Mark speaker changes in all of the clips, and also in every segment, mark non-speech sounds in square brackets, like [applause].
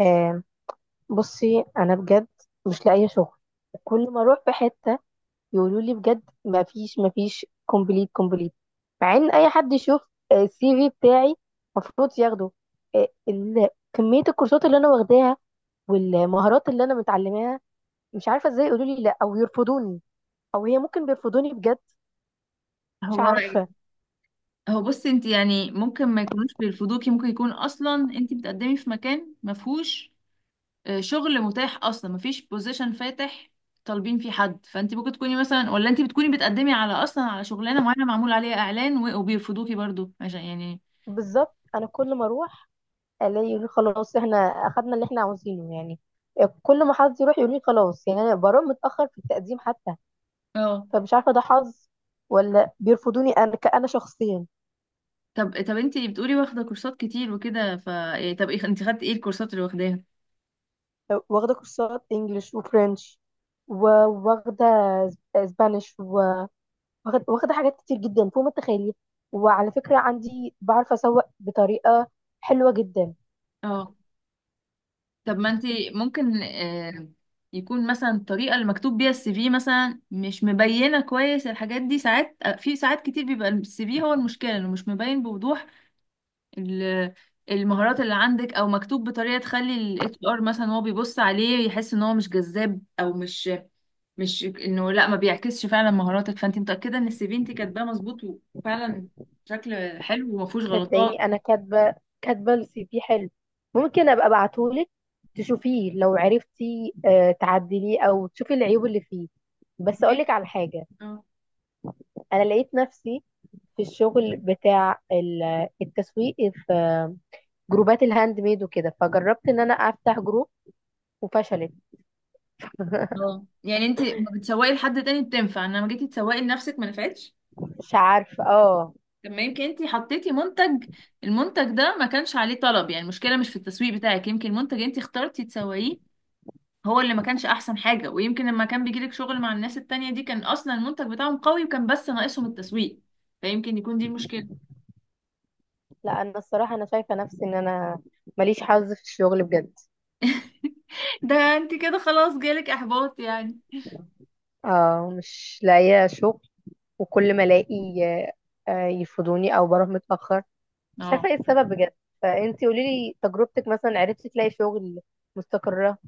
Speaker 1: آه بصي انا بجد مش لاقيه شغل. وكل ما اروح في حته يقولوا لي بجد ما فيش ما فيش، كومبليت كومبليت. مع ان اي حد يشوف السي في بتاعي المفروض ياخده. كميه الكورسات اللي انا واخداها والمهارات اللي انا متعلماها. مش عارفه ازاي يقولوا لي لا او يرفضوني، او هي ممكن بيرفضوني بجد. مش
Speaker 2: هو
Speaker 1: عارفه.
Speaker 2: هو بصي، انت يعني ممكن ما يكونوش بيرفضوكي، ممكن يكون اصلا انت بتقدمي في مكان ما فيهوش شغل متاح اصلا. ما فيش بوزيشن فاتح طالبين فيه حد، فانت ممكن تكوني مثلا، ولا انت بتكوني بتقدمي على اصلا على شغلانه معينه معمول عليها اعلان و- وبيرفضوكي برضو عشان يعني.
Speaker 1: بالظبط انا كل ما اروح الاقي يقولوا لي خلاص، احنا اخدنا اللي احنا عاوزينه يعني. كل ما حد يروح يقول لي خلاص، يعني انا بروح متاخر في التقديم حتى.
Speaker 2: اه
Speaker 1: فمش عارفه ده حظ ولا بيرفضوني انا كأنا شخصيا.
Speaker 2: طب، انت بتقولي واخده كورسات كتير وكده، ف إيه، انت خدتي ايه الكورسات اللي واخداها؟
Speaker 1: واخده كورسات انجليش وفرنش، وواخده اسبانيش، واخده، واخدة حاجات كتير جدا فوق ما تتخيلي. وعلى فكره عندي بعرف اسوق بطريقه حلوه جدا.
Speaker 2: اه طب ما انت ممكن يكون مثلا الطريقه اللي مكتوب بيها السي في مثلا مش مبينه كويس الحاجات دي. ساعات في ساعات كتير بيبقى السي في هو المشكله انه مش مبين بوضوح ال- المهارات اللي عندك، او مكتوب بطريقه تخلي الاتش ار مثلا هو بيبص عليه يحس ان هو مش جذاب، او مش، انه لا، ما بيعكسش فعلا مهاراتك. فانت متاكده ان السي في انت كاتباه مظبوط، وفعلا شكل حلو وما فيهوش غلطات؟
Speaker 1: صدقيني انا كاتبه، كاتبه السي في حلو. ممكن ابقى ابعتهولك تشوفيه لو عرفتي تعدليه او تشوفي العيوب اللي فيه. بس اقولك
Speaker 2: ماشي.
Speaker 1: على حاجه. انا لقيت نفسي في الشغل بتاع التسويق في جروبات الهاند ميد وكده، فجربت ان انا افتح جروب وفشلت. [laughs]
Speaker 2: اه يعني انت ما بتسوقي لحد تاني بتنفع، انما جيتي تسوقي لنفسك ما نفعتش.
Speaker 1: مش عارفه اه.
Speaker 2: طب ما يمكن انت حطيتي منتج، المنتج ده ما كانش عليه طلب يعني، المشكله مش في التسويق بتاعك، يمكن المنتج انت اخترتي تسوقيه هو اللي ما كانش احسن حاجه. ويمكن لما كان بيجيلك شغل مع الناس التانية دي كان اصلا المنتج بتاعهم قوي، وكان بس ناقصهم التسويق، فيمكن يكون دي المشكله.
Speaker 1: لا انا الصراحه انا شايفه نفسي ان انا ماليش حظ في الشغل بجد.
Speaker 2: [laughs] ده انت كده خلاص جالك احباط يعني؟
Speaker 1: اه مش لاقيه شغل وكل ما الاقي يفضوني او بروح متاخر. مش عارفه
Speaker 2: اه،
Speaker 1: ايه السبب بجد. فانتي قولي لي تجربتك، مثلا عرفتي تلاقي شغل مستقره؟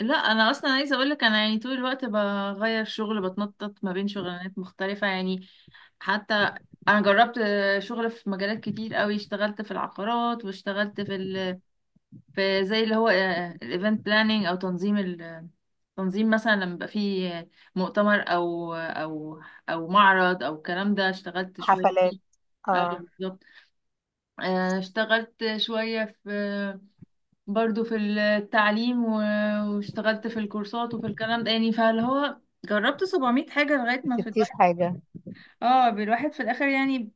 Speaker 2: لا انا اصلا عايزه اقول لك، انا يعني طول الوقت بغير شغل، بتنطط ما بين شغلانات مختلفه يعني. حتى انا جربت شغل في مجالات كتير قوي، اشتغلت في العقارات، واشتغلت في زي اللي هو الايفنت بلاننج، او تنظيم تنظيم مثلا لما يبقى فيه مؤتمر او معرض او الكلام ده، اشتغلت شويه
Speaker 1: حفلات
Speaker 2: فيه. اه،
Speaker 1: اه.
Speaker 2: بالظبط. اشتغلت شويه في برضو في التعليم و- واشتغلت في الكورسات وفي الكلام ده يعني، فاللي هو جربت 700 حاجة لغاية
Speaker 1: ما
Speaker 2: ما في
Speaker 1: سبتيش
Speaker 2: الواحد.
Speaker 1: حاجه.
Speaker 2: اه، بالواحد في الآخر يعني.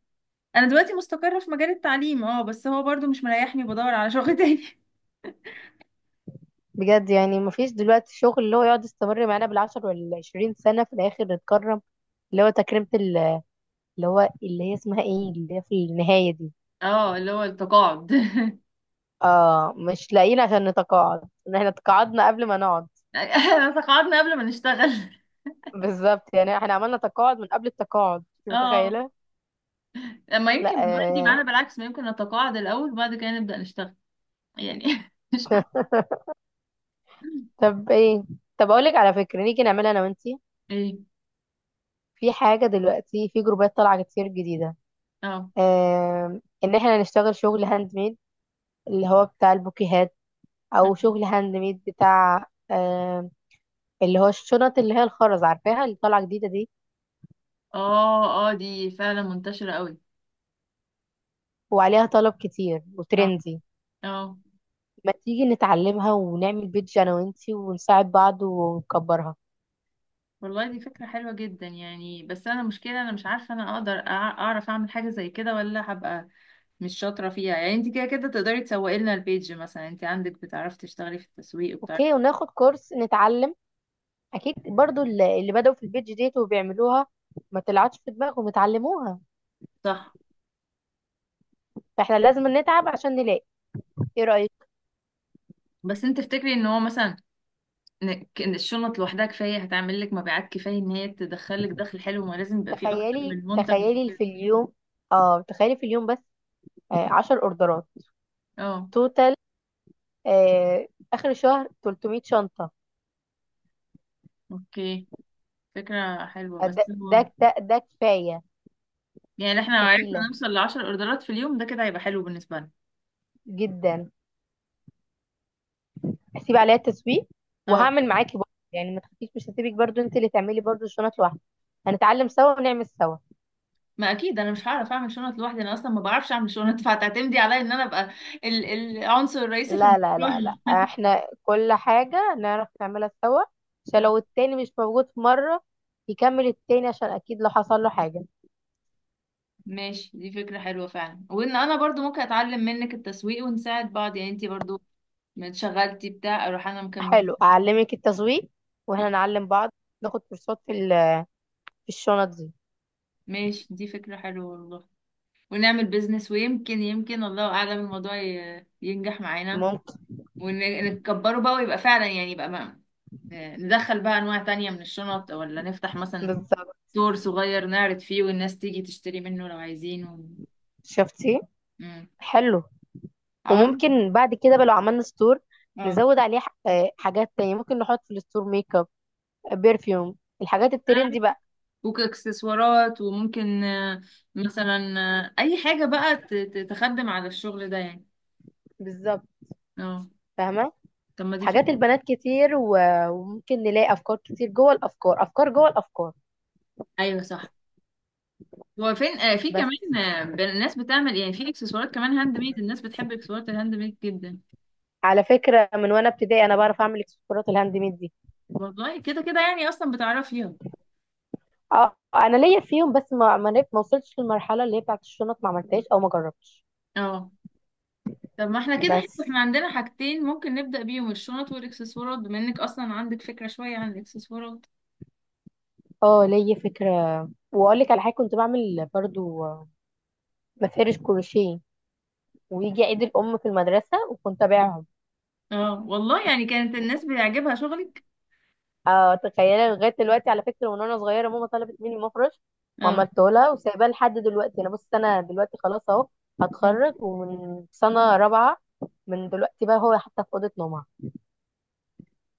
Speaker 2: أنا دلوقتي مستقرة في مجال التعليم، بس هو برضو مش مريحني وبدور على شغل تاني.
Speaker 1: بجد يعني مفيش دلوقتي شغل اللي هو يقعد يستمر معانا بالعشر والعشرين سنة في الآخر نتكرم. اللي هو تكريمة اللي هي اسمها ايه، اللي هي في النهاية دي.
Speaker 2: [laughs] اه، اللي هو التقاعد. [laughs]
Speaker 1: اه مش لاقيين عشان نتقاعد. ان احنا تقاعدنا قبل ما نقعد.
Speaker 2: احنا تقاعدنا قبل ما نشتغل.
Speaker 1: بالظبط، يعني احنا عملنا تقاعد من قبل التقاعد، انت
Speaker 2: اه،
Speaker 1: متخيلة؟
Speaker 2: ما يمكن
Speaker 1: لا
Speaker 2: الموضوع يجي معانا
Speaker 1: آه.
Speaker 2: بالعكس، ما يمكن نتقاعد الأول وبعد كده نبدأ نشتغل يعني. [laughs] مش عارفة.
Speaker 1: [laughs] طب ايه، طب اقولك على فكرة، نيجي نعملها انا وانتي.
Speaker 2: ايه.
Speaker 1: في حاجة دلوقتي في جروبات طالعة كتير جديدة.
Speaker 2: اه،
Speaker 1: ان احنا نشتغل شغل هاند ميد اللي هو بتاع البوكيهات، او شغل هاند ميد بتاع آه، اللي هو الشنط اللي هي الخرز، عارفاها اللي طالعه جديده دي؟
Speaker 2: اه، اه، دي فعلا منتشرة قوي.
Speaker 1: وعليها طلب كتير
Speaker 2: اه.
Speaker 1: وترندي.
Speaker 2: اه
Speaker 1: ما تيجي نتعلمها ونعمل بيدج انا وانتي ونساعد بعض ونكبرها.
Speaker 2: والله دي فكرة حلوة جدا يعني، بس أنا مشكلة أنا مش عارفة أنا أقدر أع- أعرف أعمل حاجة زي كده، ولا هبقى مش شاطرة فيها يعني. أنت كده كده تقدري تسوقي لنا البيج مثلا، أنت عندك بتعرفي تشتغلي في التسويق وبتعرفي.
Speaker 1: اوكي، وناخد كورس نتعلم. اكيد برضو اللي بدأوا في البيدج ديت وبيعملوها ما طلعتش في دماغهم اتعلموها.
Speaker 2: صح.
Speaker 1: فاحنا لازم نتعب عشان نلاقي. ايه رأيك؟
Speaker 2: بس أنت تفتكري إن هو مثلا إن الشنط لوحدها كفاية هتعمل لك مبيعات، كفاية إن هي تدخلك دخل حلو؟ ما لازم يبقى فيه أكتر
Speaker 1: تخيلي
Speaker 2: من منتج.
Speaker 1: تخيلي في اليوم، اه تخيلي في اليوم بس 10 اوردرات
Speaker 2: أه.
Speaker 1: توتال. آه، اخر الشهر 300 شنطة.
Speaker 2: أوكي، فكرة حلوة،
Speaker 1: ده
Speaker 2: بس
Speaker 1: ده
Speaker 2: هو
Speaker 1: ده, ده كفايه.
Speaker 2: يعني احنا لو عرفنا
Speaker 1: كفيله
Speaker 2: نوصل لعشر أوردرات في اليوم، ده كده هيبقى حلو بالنسبة لنا.
Speaker 1: جدا. هسيب عليها التسويق،
Speaker 2: اه،
Speaker 1: وهعمل معاكي برضه يعني، ما تخافيش مش هسيبك برضه، انت اللي تعملي برضه الشنط لوحدك. هنتعلم سوا ونعمل سوا.
Speaker 2: ما اكيد انا مش هعرف اعمل شنط لوحدي، انا اصلا ما بعرفش اعمل شنط، فهتعتمدي عليا ان انا ابقى العنصر الرئيسي في
Speaker 1: لا لا لا
Speaker 2: المشروع.
Speaker 1: لا،
Speaker 2: [laughs]
Speaker 1: احنا كل حاجه نعرف نعملها سوا عشان
Speaker 2: آه،
Speaker 1: لو التاني مش موجود في مره يكمل التاني، عشان اكيد لو حصل له حاجه.
Speaker 2: ماشي، دي فكرة حلوة فعلا، وان انا برضو ممكن اتعلم منك التسويق ونساعد بعض يعني، انتي برضو ما اتشغلتي بتاع اروح انا مكملة.
Speaker 1: حلو، اعلمك التسويق
Speaker 2: آه،
Speaker 1: واحنا نعلم بعض. ناخد كورسات في في الشنط دي.
Speaker 2: ماشي، دي فكرة حلوة والله، ونعمل بيزنس، ويمكن يمكن الله اعلم الموضوع ي- ينجح معانا،
Speaker 1: ممكن.
Speaker 2: ونكبره بقى، ويبقى فعلا يعني، يبقى ما ندخل بقى انواع تانية من الشنط، ولا نفتح مثلا
Speaker 1: بالظبط.
Speaker 2: دور صغير نعرض فيه والناس تيجي تشتري منه لو عايزين
Speaker 1: شفتي.
Speaker 2: مم.
Speaker 1: حلو.
Speaker 2: عملنا.
Speaker 1: وممكن بعد كده بقى لو عملنا ستور
Speaker 2: اه.
Speaker 1: نزود عليه حاجات تانية ممكن نحط في الستور ميك اب، بيرفيوم، الحاجات الترندي بقى.
Speaker 2: وكاكسسوارات، وممكن مثلا اي حاجة بقى تخدم على الشغل ده يعني.
Speaker 1: بالظبط.
Speaker 2: اه،
Speaker 1: فاهمة.
Speaker 2: طب ما دي فكرة.
Speaker 1: حاجات البنات كتير وممكن نلاقي أفكار كتير جوه الأفكار، أفكار جوه الأفكار.
Speaker 2: ايوه صح. هو فين في
Speaker 1: بس
Speaker 2: كمان الناس بتعمل يعني في اكسسوارات كمان هاند ميد، الناس بتحب اكسسوارات الهاند ميد جدا.
Speaker 1: على فكرة، من وأنا ابتدائي أنا بعرف أعمل إكسسوارات الهاند ميد دي.
Speaker 2: والله كده كده يعني اصلا بتعرفيها.
Speaker 1: أه أنا ليا فيهم، بس ما وصلتش للمرحلة اللي هي بتاعت الشنط، ما عملتهاش أو ما جربتش.
Speaker 2: اه، طب ما احنا كده حلو،
Speaker 1: بس
Speaker 2: احنا عندنا حاجتين ممكن نبدأ بيهم، الشنط والاكسسوارات، بما انك اصلا عندك فكرة شوية عن الاكسسوارات.
Speaker 1: أه ليا فكرة. وأقول لك على حاجة كنت بعمل برضو مفارش كروشيه، ويجي عيد الام في المدرسه وكنت ابيعهم.
Speaker 2: اه والله يعني كانت الناس بيعجبها شغلك.
Speaker 1: آه تخيل لغايه دلوقتي، على فكره من وانا صغيره ماما طلبت مني مفرش
Speaker 2: اه.
Speaker 1: وعملته لها وسايباه لحد دلوقتي. انا بص انا دلوقتي خلاص اهو
Speaker 2: آه.
Speaker 1: هتخرج ومن سنه رابعه من دلوقتي بقى، هو حتى في اوضه نومها.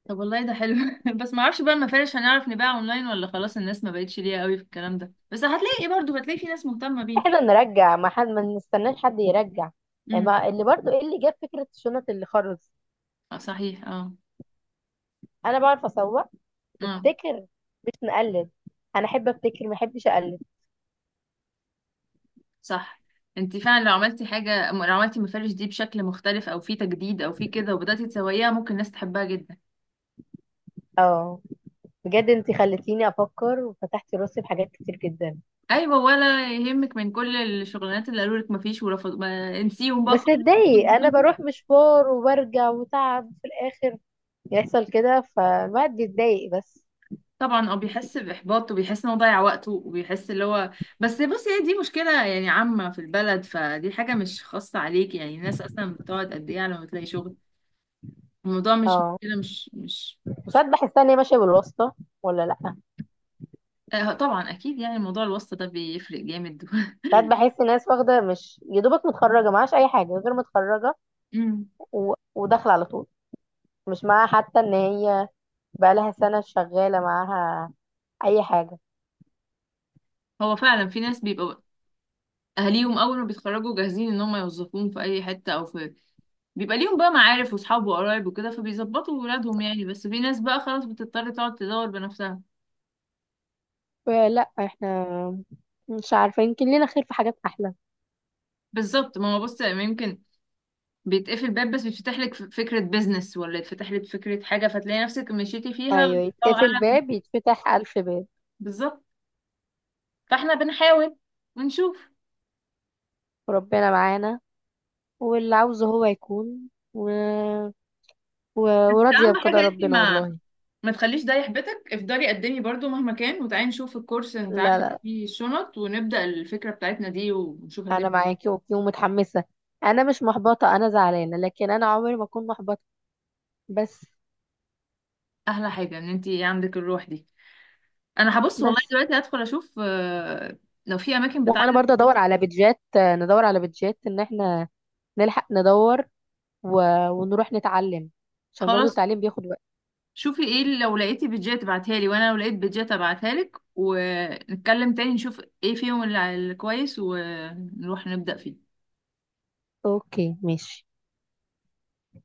Speaker 2: طب والله ده حلو. [laughs] بس ما اعرفش بقى المفارش هنعرف نبيع اونلاين، ولا خلاص الناس ما بقتش ليها قوي في الكلام ده؟ بس هتلاقي ايه برضه، هتلاقي في ناس مهتمة بيه.
Speaker 1: احنا نرجع ما حد، ما نستناش حد يرجع، يعني
Speaker 2: امم.
Speaker 1: ما اللي برضو ايه اللي جاب فكره شنط اللي خرز؟
Speaker 2: آه صحيح. اه،
Speaker 1: انا بعرف اسوق.
Speaker 2: اه
Speaker 1: نبتكر مش نقلد. انا احب ابتكر ما احبش اقلد.
Speaker 2: صح، انت فعلا لو عملتي حاجة، لو عملتي المفارش دي بشكل مختلف او في تجديد او في كده وبدأتي تسويها، ممكن الناس تحبها جدا.
Speaker 1: اه بجد انت خلتيني افكر وفتحتي راسي بحاجات كتير جدا.
Speaker 2: ايوه، ولا يهمك من كل الشغلانات اللي قالوا لك ما فيش ورفض، ما انسيهم بقى
Speaker 1: بس
Speaker 2: خالص. [laughs]
Speaker 1: اتضايق، انا بروح مشوار وبرجع وتعب في الاخر. يحصل كده فالواحد بيتضايق بس.
Speaker 2: طبعا، بيحس باحباط، وبيحس ان هو ضيع وقته، وبيحس اللي هو، بس بصي، هي دي مشكله يعني عامه في البلد، فدي حاجه مش خاصه عليك يعني. الناس اصلا بتقعد قد ايه على ما تلاقي شغل؟ الموضوع مش
Speaker 1: اه.
Speaker 2: مشكله مش.
Speaker 1: وساعات بحس ان هي ماشيه بالواسطه، ولا لا.
Speaker 2: طبعا اكيد يعني، موضوع الواسطه ده بيفرق جامد. [laughs]
Speaker 1: ساعات بحس ناس واخده مش يا دوبك متخرجه معهاش اي حاجه غير متخرجه،
Speaker 2: أمم.
Speaker 1: و... وداخله على طول مش معاها حتى ان هي بقالها سنه شغاله معاها اي حاجه.
Speaker 2: هو فعلا في ناس بيبقى اهاليهم اول ما بيتخرجوا جاهزين ان هم يوظفوهم في اي حته، او في بيبقى ليهم بقى معارف واصحاب وقرايب وكده، فبيظبطوا ولادهم يعني، بس في ناس بقى خلاص بتضطر تقعد تدور بنفسها.
Speaker 1: لا احنا مش عارفه، يمكن لينا خير في حاجات احلى.
Speaker 2: بالظبط، ما هو بص يا إيمان، يمكن بيتقفل باب بس بيتفتح لك ف- فكرة بيزنس، ولا يتفتح لك فكرة حاجة فتلاقي نفسك مشيتي فيها.
Speaker 1: ايوه،
Speaker 2: الله
Speaker 1: يتقفل
Speaker 2: أعلم.
Speaker 1: باب يتفتح الف باب.
Speaker 2: بالظبط. فاحنا بنحاول ونشوف،
Speaker 1: وربنا معانا، واللي عاوزه هو يكون. و... و...
Speaker 2: بس
Speaker 1: وراضية
Speaker 2: أهم حاجة
Speaker 1: بقضاء
Speaker 2: انت
Speaker 1: ربنا
Speaker 2: ما
Speaker 1: والله.
Speaker 2: ما تخليش ده يحبطك، افضلي قدمي برضو مهما كان، وتعالي نشوف الكورس
Speaker 1: لا
Speaker 2: هنتعلم
Speaker 1: لا،
Speaker 2: فيه الشنط ونبدأ الفكرة بتاعتنا دي ونشوف هتعمل
Speaker 1: أنا
Speaker 2: إيه.
Speaker 1: معاكي أوكي ومتحمسة. أنا مش محبطة، أنا زعلانة لكن أنا عمري ما أكون محبطة. بس.
Speaker 2: أحلى حاجة إن انت عندك الروح دي. أنا هبص والله
Speaker 1: بس
Speaker 2: دلوقتي هدخل أشوف لو في أماكن
Speaker 1: وأنا
Speaker 2: بتعلم.
Speaker 1: برضه أدور على بيدجات، ندور على بيدجات إن إحنا نلحق ندور. و... ونروح نتعلم عشان برضه
Speaker 2: خلاص،
Speaker 1: التعليم بياخد وقت.
Speaker 2: شوفي ايه اللي لو لقيتي بيدجات ابعتها لي، وانا لو لقيت بيدجات ابعتها لك، ونتكلم تاني نشوف ايه فيهم اللي الكويس، ونروح نبدأ فيه.
Speaker 1: أوكي ماشي.